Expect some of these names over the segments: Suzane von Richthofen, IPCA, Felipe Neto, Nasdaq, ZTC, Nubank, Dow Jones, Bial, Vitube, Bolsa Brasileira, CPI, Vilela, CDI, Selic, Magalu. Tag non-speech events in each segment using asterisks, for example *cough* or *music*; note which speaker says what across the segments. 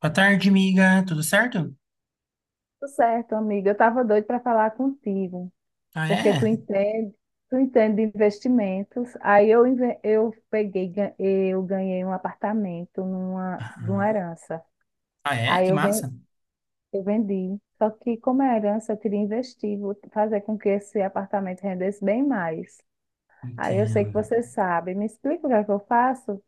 Speaker 1: Boa tarde, amiga. Tudo certo?
Speaker 2: Tudo certo, amiga. Eu estava doida para falar contigo,
Speaker 1: Ah,
Speaker 2: porque
Speaker 1: é?
Speaker 2: tu entende de investimentos. Aí eu peguei, eu ganhei um apartamento numa
Speaker 1: Aham.
Speaker 2: herança.
Speaker 1: Ah, é?
Speaker 2: Aí
Speaker 1: Que massa.
Speaker 2: eu vendi. Só que como é herança, eu queria investir, vou fazer com que esse apartamento rendesse bem mais. Aí eu sei que
Speaker 1: Entendo.
Speaker 2: você sabe. Me explica o que é que eu faço?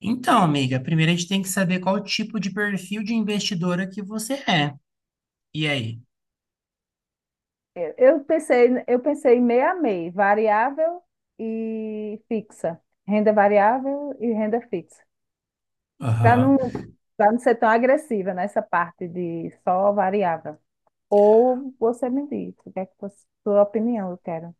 Speaker 1: Então, amiga, primeiro a gente tem que saber qual tipo de perfil de investidora que você é. E aí?
Speaker 2: Eu pensei, eu pensei meio a meio, variável e fixa. Renda variável e renda fixa. Para
Speaker 1: Aham.
Speaker 2: não, para não ser tão agressiva nessa parte de só variável. Ou você me diz, o que é que você, sua opinião eu quero.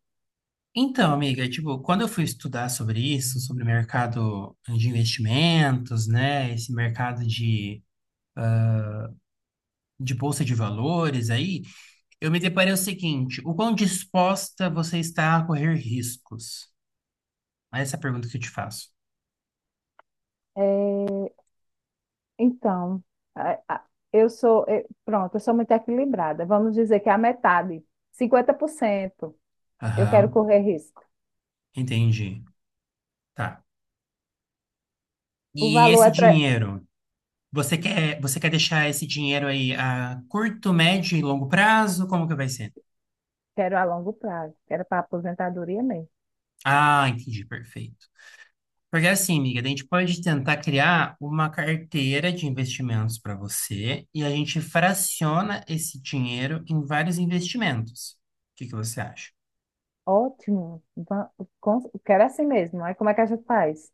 Speaker 1: Então, amiga, tipo, quando eu fui estudar sobre isso, sobre o mercado de investimentos, né, esse mercado de, bolsa de valores aí, eu me deparei o seguinte, o quão disposta você está a correr riscos? Essa é a pergunta que eu te faço.
Speaker 2: Então, a- a- eu sou, pronto, eu sou muito equilibrada. Vamos dizer que é a metade, 50% eu quero
Speaker 1: Aham,
Speaker 2: correr risco.
Speaker 1: entendi. Tá.
Speaker 2: O
Speaker 1: E
Speaker 2: valor
Speaker 1: esse
Speaker 2: é, tre-
Speaker 1: dinheiro, você quer deixar esse dinheiro aí a curto, médio e longo prazo? Como que vai ser?
Speaker 2: quero a longo prazo, quero para aposentadoria mesmo.
Speaker 1: Ah, entendi, perfeito. Porque assim, amiga, a gente pode tentar criar uma carteira de investimentos para você e a gente fraciona esse dinheiro em vários investimentos. O que que você acha?
Speaker 2: Ótimo, quero assim mesmo. Aí como é que a gente faz?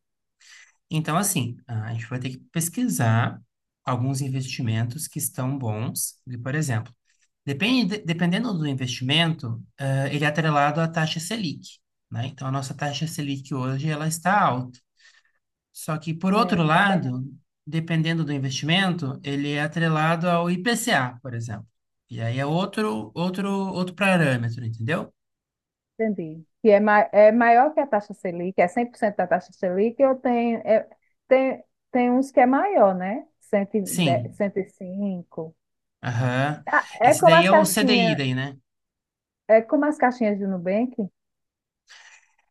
Speaker 1: Então, assim, a gente vai ter que pesquisar alguns investimentos que estão bons. E, por exemplo, depende, dependendo do investimento, ele é atrelado à taxa Selic, né? Então, a nossa taxa Selic hoje, ela está alta. Só que, por
Speaker 2: É,
Speaker 1: outro
Speaker 2: tá.
Speaker 1: lado, dependendo do investimento, ele é atrelado ao IPCA, por exemplo. E aí é outro parâmetro, entendeu?
Speaker 2: Entendi. Que é, ma é maior que a taxa Selic, é 100% da taxa Selic, eu tenho, é, tem, tem uns que é maior, né? 110,
Speaker 1: Sim.
Speaker 2: 105.
Speaker 1: Aham.
Speaker 2: Ah,
Speaker 1: Esse daí é o CDI daí, né?
Speaker 2: é como as caixinhas de Nubank,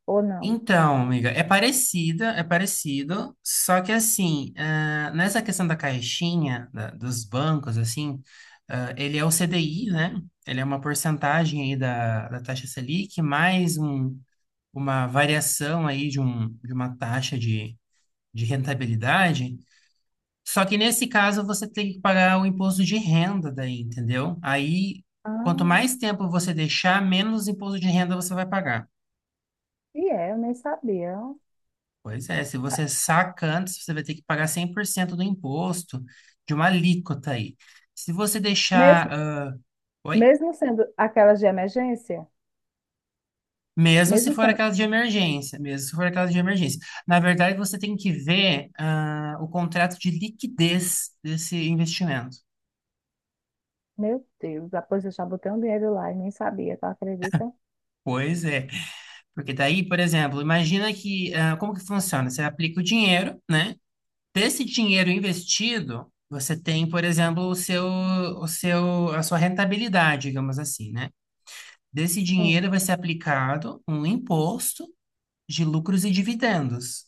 Speaker 2: ou não?
Speaker 1: Então, amiga, é parecida, é parecido, só que assim, nessa questão da caixinha, dos bancos, assim, ele é o CDI, né? Ele é uma porcentagem aí da, da taxa Selic, mais uma variação aí de, de uma taxa de rentabilidade. Só que nesse caso você tem que pagar o imposto de renda daí, entendeu? Aí, quanto
Speaker 2: Ah,
Speaker 1: mais tempo você deixar, menos imposto de renda você vai pagar.
Speaker 2: e é, eu nem sabia.
Speaker 1: Pois é, se
Speaker 2: Ah,
Speaker 1: você saca antes, você vai ter que pagar 100% do imposto de uma alíquota aí. Se você deixar.
Speaker 2: Mesmo,
Speaker 1: Oi?
Speaker 2: mesmo sendo aquelas de emergência,
Speaker 1: Mesmo se
Speaker 2: mesmo
Speaker 1: for
Speaker 2: sendo.
Speaker 1: aquela de emergência, mesmo se for aquela de emergência. Na verdade, você tem que ver o contrato de liquidez desse investimento.
Speaker 2: Meu Deus, depois eu já botei um dinheiro lá e nem sabia, tu acredita?
Speaker 1: Pois é. Porque daí, por exemplo, imagina que. Como que funciona? Você aplica o dinheiro, né? Desse dinheiro investido. Você tem, por exemplo, a sua rentabilidade, digamos assim, né? Desse
Speaker 2: Sim.
Speaker 1: dinheiro vai ser aplicado um imposto de lucros e dividendos.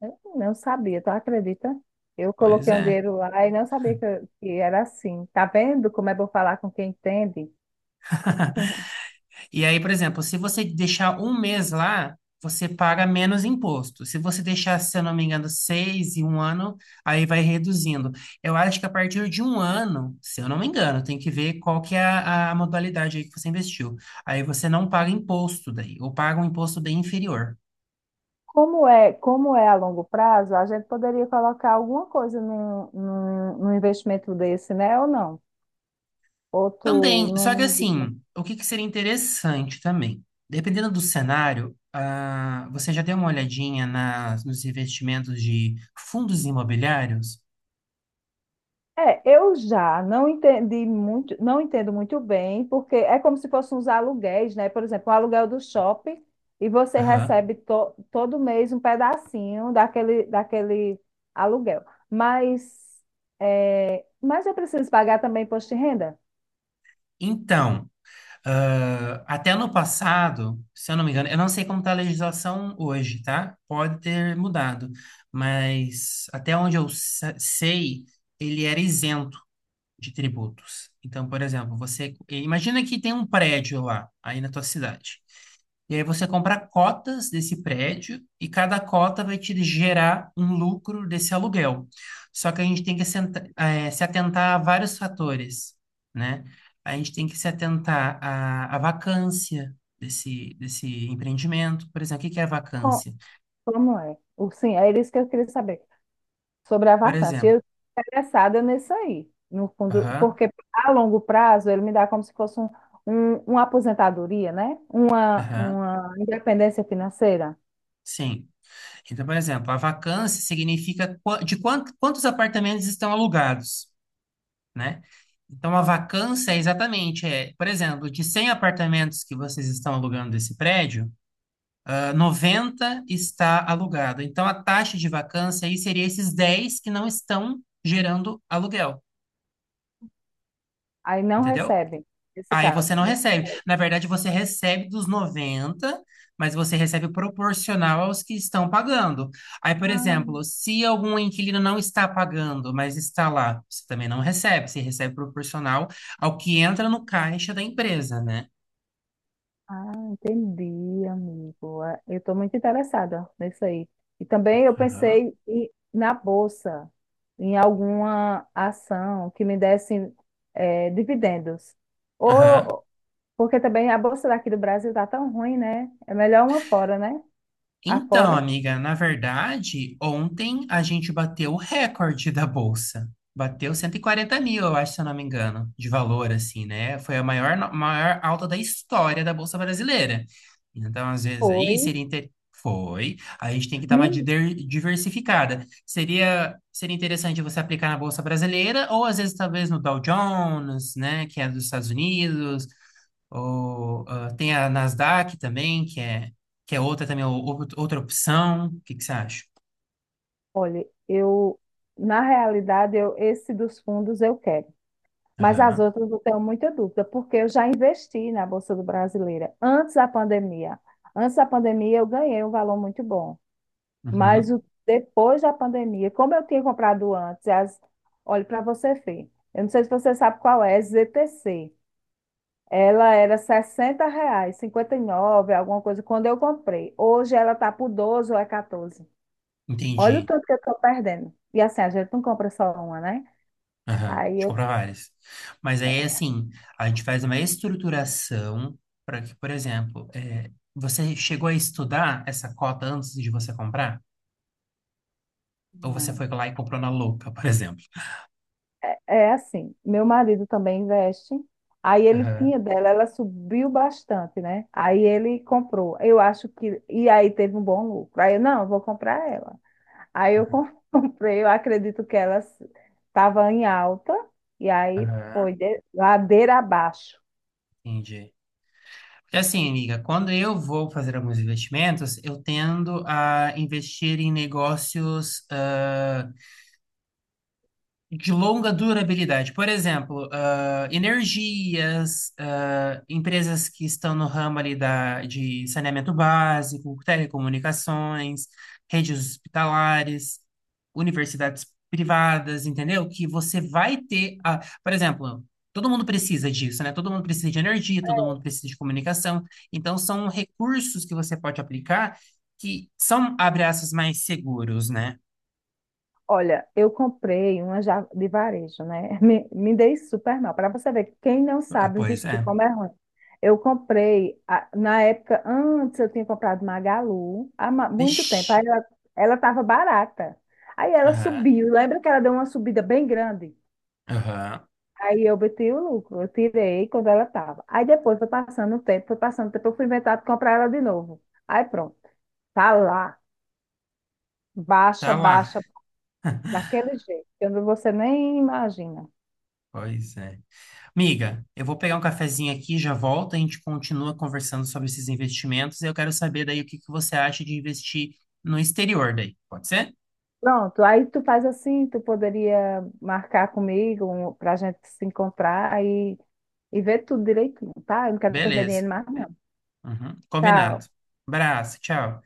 Speaker 2: Eu não sabia, tu acredita? Eu
Speaker 1: Pois
Speaker 2: coloquei um
Speaker 1: é.
Speaker 2: dinheiro lá e não sabia que era assim. Tá vendo como é bom falar com quem entende? *laughs*
Speaker 1: E aí, por exemplo, se você deixar um mês lá, você paga menos imposto. Se você deixar, se eu não me engano, seis e um ano, aí vai reduzindo. Eu acho que a partir de um ano, se eu não me engano, tem que ver qual que é a modalidade aí que você investiu. Aí você não paga imposto daí, ou paga um imposto bem inferior.
Speaker 2: Como é a longo prazo, a gente poderia colocar alguma coisa num investimento desse, né? Ou não? Ou tu
Speaker 1: Também, só que
Speaker 2: não.
Speaker 1: assim, o que que seria interessante também? Dependendo do cenário, você já deu uma olhadinha nas, nos investimentos de fundos imobiliários?
Speaker 2: É, eu já não entendi muito, não entendo muito bem, porque é como se fossem uns aluguéis, né? Por exemplo, o aluguel do shopping e você
Speaker 1: Aham.
Speaker 2: recebe todo mês um pedacinho daquele aluguel. Mas eu preciso pagar também imposto de renda?
Speaker 1: Então, até no passado, se eu não me engano, eu não sei como está a legislação hoje, tá? Pode ter mudado, mas até onde eu sei, ele era isento de tributos. Então, por exemplo, você imagina que tem um prédio lá, aí na tua cidade. E aí você compra cotas desse prédio e cada cota vai te gerar um lucro desse aluguel. Só que a gente tem que se atentar a vários fatores, né? A gente tem que se atentar à, à vacância desse, desse empreendimento. Por exemplo, o que que é a
Speaker 2: Co-
Speaker 1: vacância?
Speaker 2: Como é? O- Sim, é isso que eu queria saber sobre a
Speaker 1: Por
Speaker 2: vacância. Eu
Speaker 1: exemplo,
Speaker 2: estou interessada nisso aí, no fundo,
Speaker 1: aham,
Speaker 2: porque a longo prazo ele me dá como se fosse uma aposentadoria, né?
Speaker 1: aham,
Speaker 2: Uma independência financeira.
Speaker 1: sim. Então, por exemplo, a vacância significa quantos apartamentos estão alugados. Né? Então, a vacância é exatamente, é, por exemplo, de 100 apartamentos que vocês estão alugando desse prédio, 90 está alugado. Então, a taxa de vacância aí seria esses 10 que não estão gerando aluguel,
Speaker 2: Aí não
Speaker 1: entendeu?
Speaker 2: recebe, nesse
Speaker 1: Aí
Speaker 2: caso.
Speaker 1: você não recebe. Na verdade, você recebe dos 90, mas você recebe proporcional aos que estão pagando. Aí, por
Speaker 2: Ah,
Speaker 1: exemplo, se algum inquilino não está pagando, mas está lá, você também não recebe. Você recebe proporcional ao que entra no caixa da empresa, né?
Speaker 2: ah, entendi, amigo. É, eu estou muito interessada nisso aí. E também
Speaker 1: Aham.
Speaker 2: na bolsa, em alguma ação que me desse dividendos.
Speaker 1: Aham.
Speaker 2: Ou, porque também a bolsa daqui do Brasil tá tão ruim, né? É melhor uma fora, né? A
Speaker 1: Então,
Speaker 2: fora
Speaker 1: amiga, na verdade, ontem a gente bateu o recorde da bolsa. Bateu 140 mil, eu acho, se eu não me engano, de valor, assim, né? Foi a maior, maior alta da história da Bolsa Brasileira. Então, às vezes, aí
Speaker 2: foi.
Speaker 1: seria. Inter... Foi. A gente tem que dar uma
Speaker 2: Me...
Speaker 1: diversificada. Seria interessante você aplicar na Bolsa Brasileira, ou às vezes, talvez, no Dow Jones, né? Que é dos Estados Unidos. Ou, tem a Nasdaq também, que é outra também, outra opção. O que que você acha?
Speaker 2: Olha, na realidade, eu, esse dos fundos eu quero. Mas as
Speaker 1: Aham,
Speaker 2: outras eu tenho muita dúvida, porque eu já investi na Bolsa do Brasileira antes da pandemia. Antes da pandemia eu ganhei um valor muito bom. Mas
Speaker 1: uhum,
Speaker 2: o, depois da pandemia, como eu tinha comprado antes, as, olha, para você ver, eu não sei se você sabe qual é, ZTC. Ela era 60 reais, 59 alguma coisa, quando eu comprei. Hoje ela tá por 12 ou é 14. Olha o
Speaker 1: entendi.
Speaker 2: tanto que eu tô perdendo. E assim, a gente não compra só uma, né?
Speaker 1: Aham,
Speaker 2: Aí
Speaker 1: de
Speaker 2: eu,
Speaker 1: comprar várias. Mas aí, assim, a gente faz uma estruturação para que, por exemplo, é, você chegou a estudar essa cota antes de você comprar? Ou você
Speaker 2: não.
Speaker 1: foi lá e comprou na louca, por exemplo?
Speaker 2: É assim, meu marido também investe. Aí ele
Speaker 1: Aham,
Speaker 2: tinha dela, ela subiu bastante, né? Aí ele comprou. Eu acho que. E aí teve um bom lucro. Aí eu, não, eu vou comprar ela. Aí *laughs* comprei, eu acredito que ela estava em alta. E aí
Speaker 1: aham,
Speaker 2: foi ladeira abaixo.
Speaker 1: entendi. Porque assim, amiga, quando eu vou fazer alguns investimentos, eu tendo a investir em negócios de longa durabilidade. Por exemplo, energias, empresas que estão no ramo ali da, de saneamento básico, telecomunicações, redes hospitalares, universidades privadas, entendeu? Que você vai ter, a, por exemplo, todo mundo precisa disso, né? Todo mundo precisa de energia, todo mundo precisa de comunicação. Então, são recursos que você pode aplicar que são, abre aspas, mais seguros, né?
Speaker 2: Olha, eu comprei uma já de varejo, né? *laughs* Me dei super mal. Para você ver, quem não
Speaker 1: Ah,
Speaker 2: sabe
Speaker 1: pois
Speaker 2: investir
Speaker 1: é.
Speaker 2: como é ruim. Eu comprei, na época, antes eu tinha comprado Magalu, muito tempo. Aí
Speaker 1: Vixe.
Speaker 2: ela estava barata. Aí ela subiu. Lembra que ela deu uma subida bem grande?
Speaker 1: Aham.
Speaker 2: Aí eu botei o lucro, eu tirei quando ela estava. Aí depois foi passando o tempo, foi passando o tempo, eu fui inventar de comprar ela de novo. Aí pronto, tá lá, baixa,
Speaker 1: Tá lá.
Speaker 2: baixa,
Speaker 1: *laughs*
Speaker 2: daquele jeito, que você nem imagina.
Speaker 1: Pois é. Amiga, eu vou pegar um cafezinho aqui, já volto, a gente continua conversando sobre esses investimentos e eu quero saber daí o que que você acha de investir no exterior daí. Pode ser?
Speaker 2: Pronto, aí tu faz assim, tu poderia marcar comigo para a gente se encontrar aí e ver tudo direitinho, tá? Eu não quero perder
Speaker 1: Beleza.
Speaker 2: dinheiro mais, não.
Speaker 1: Uhum. Combinado.
Speaker 2: Tchau.
Speaker 1: Abraço, tchau.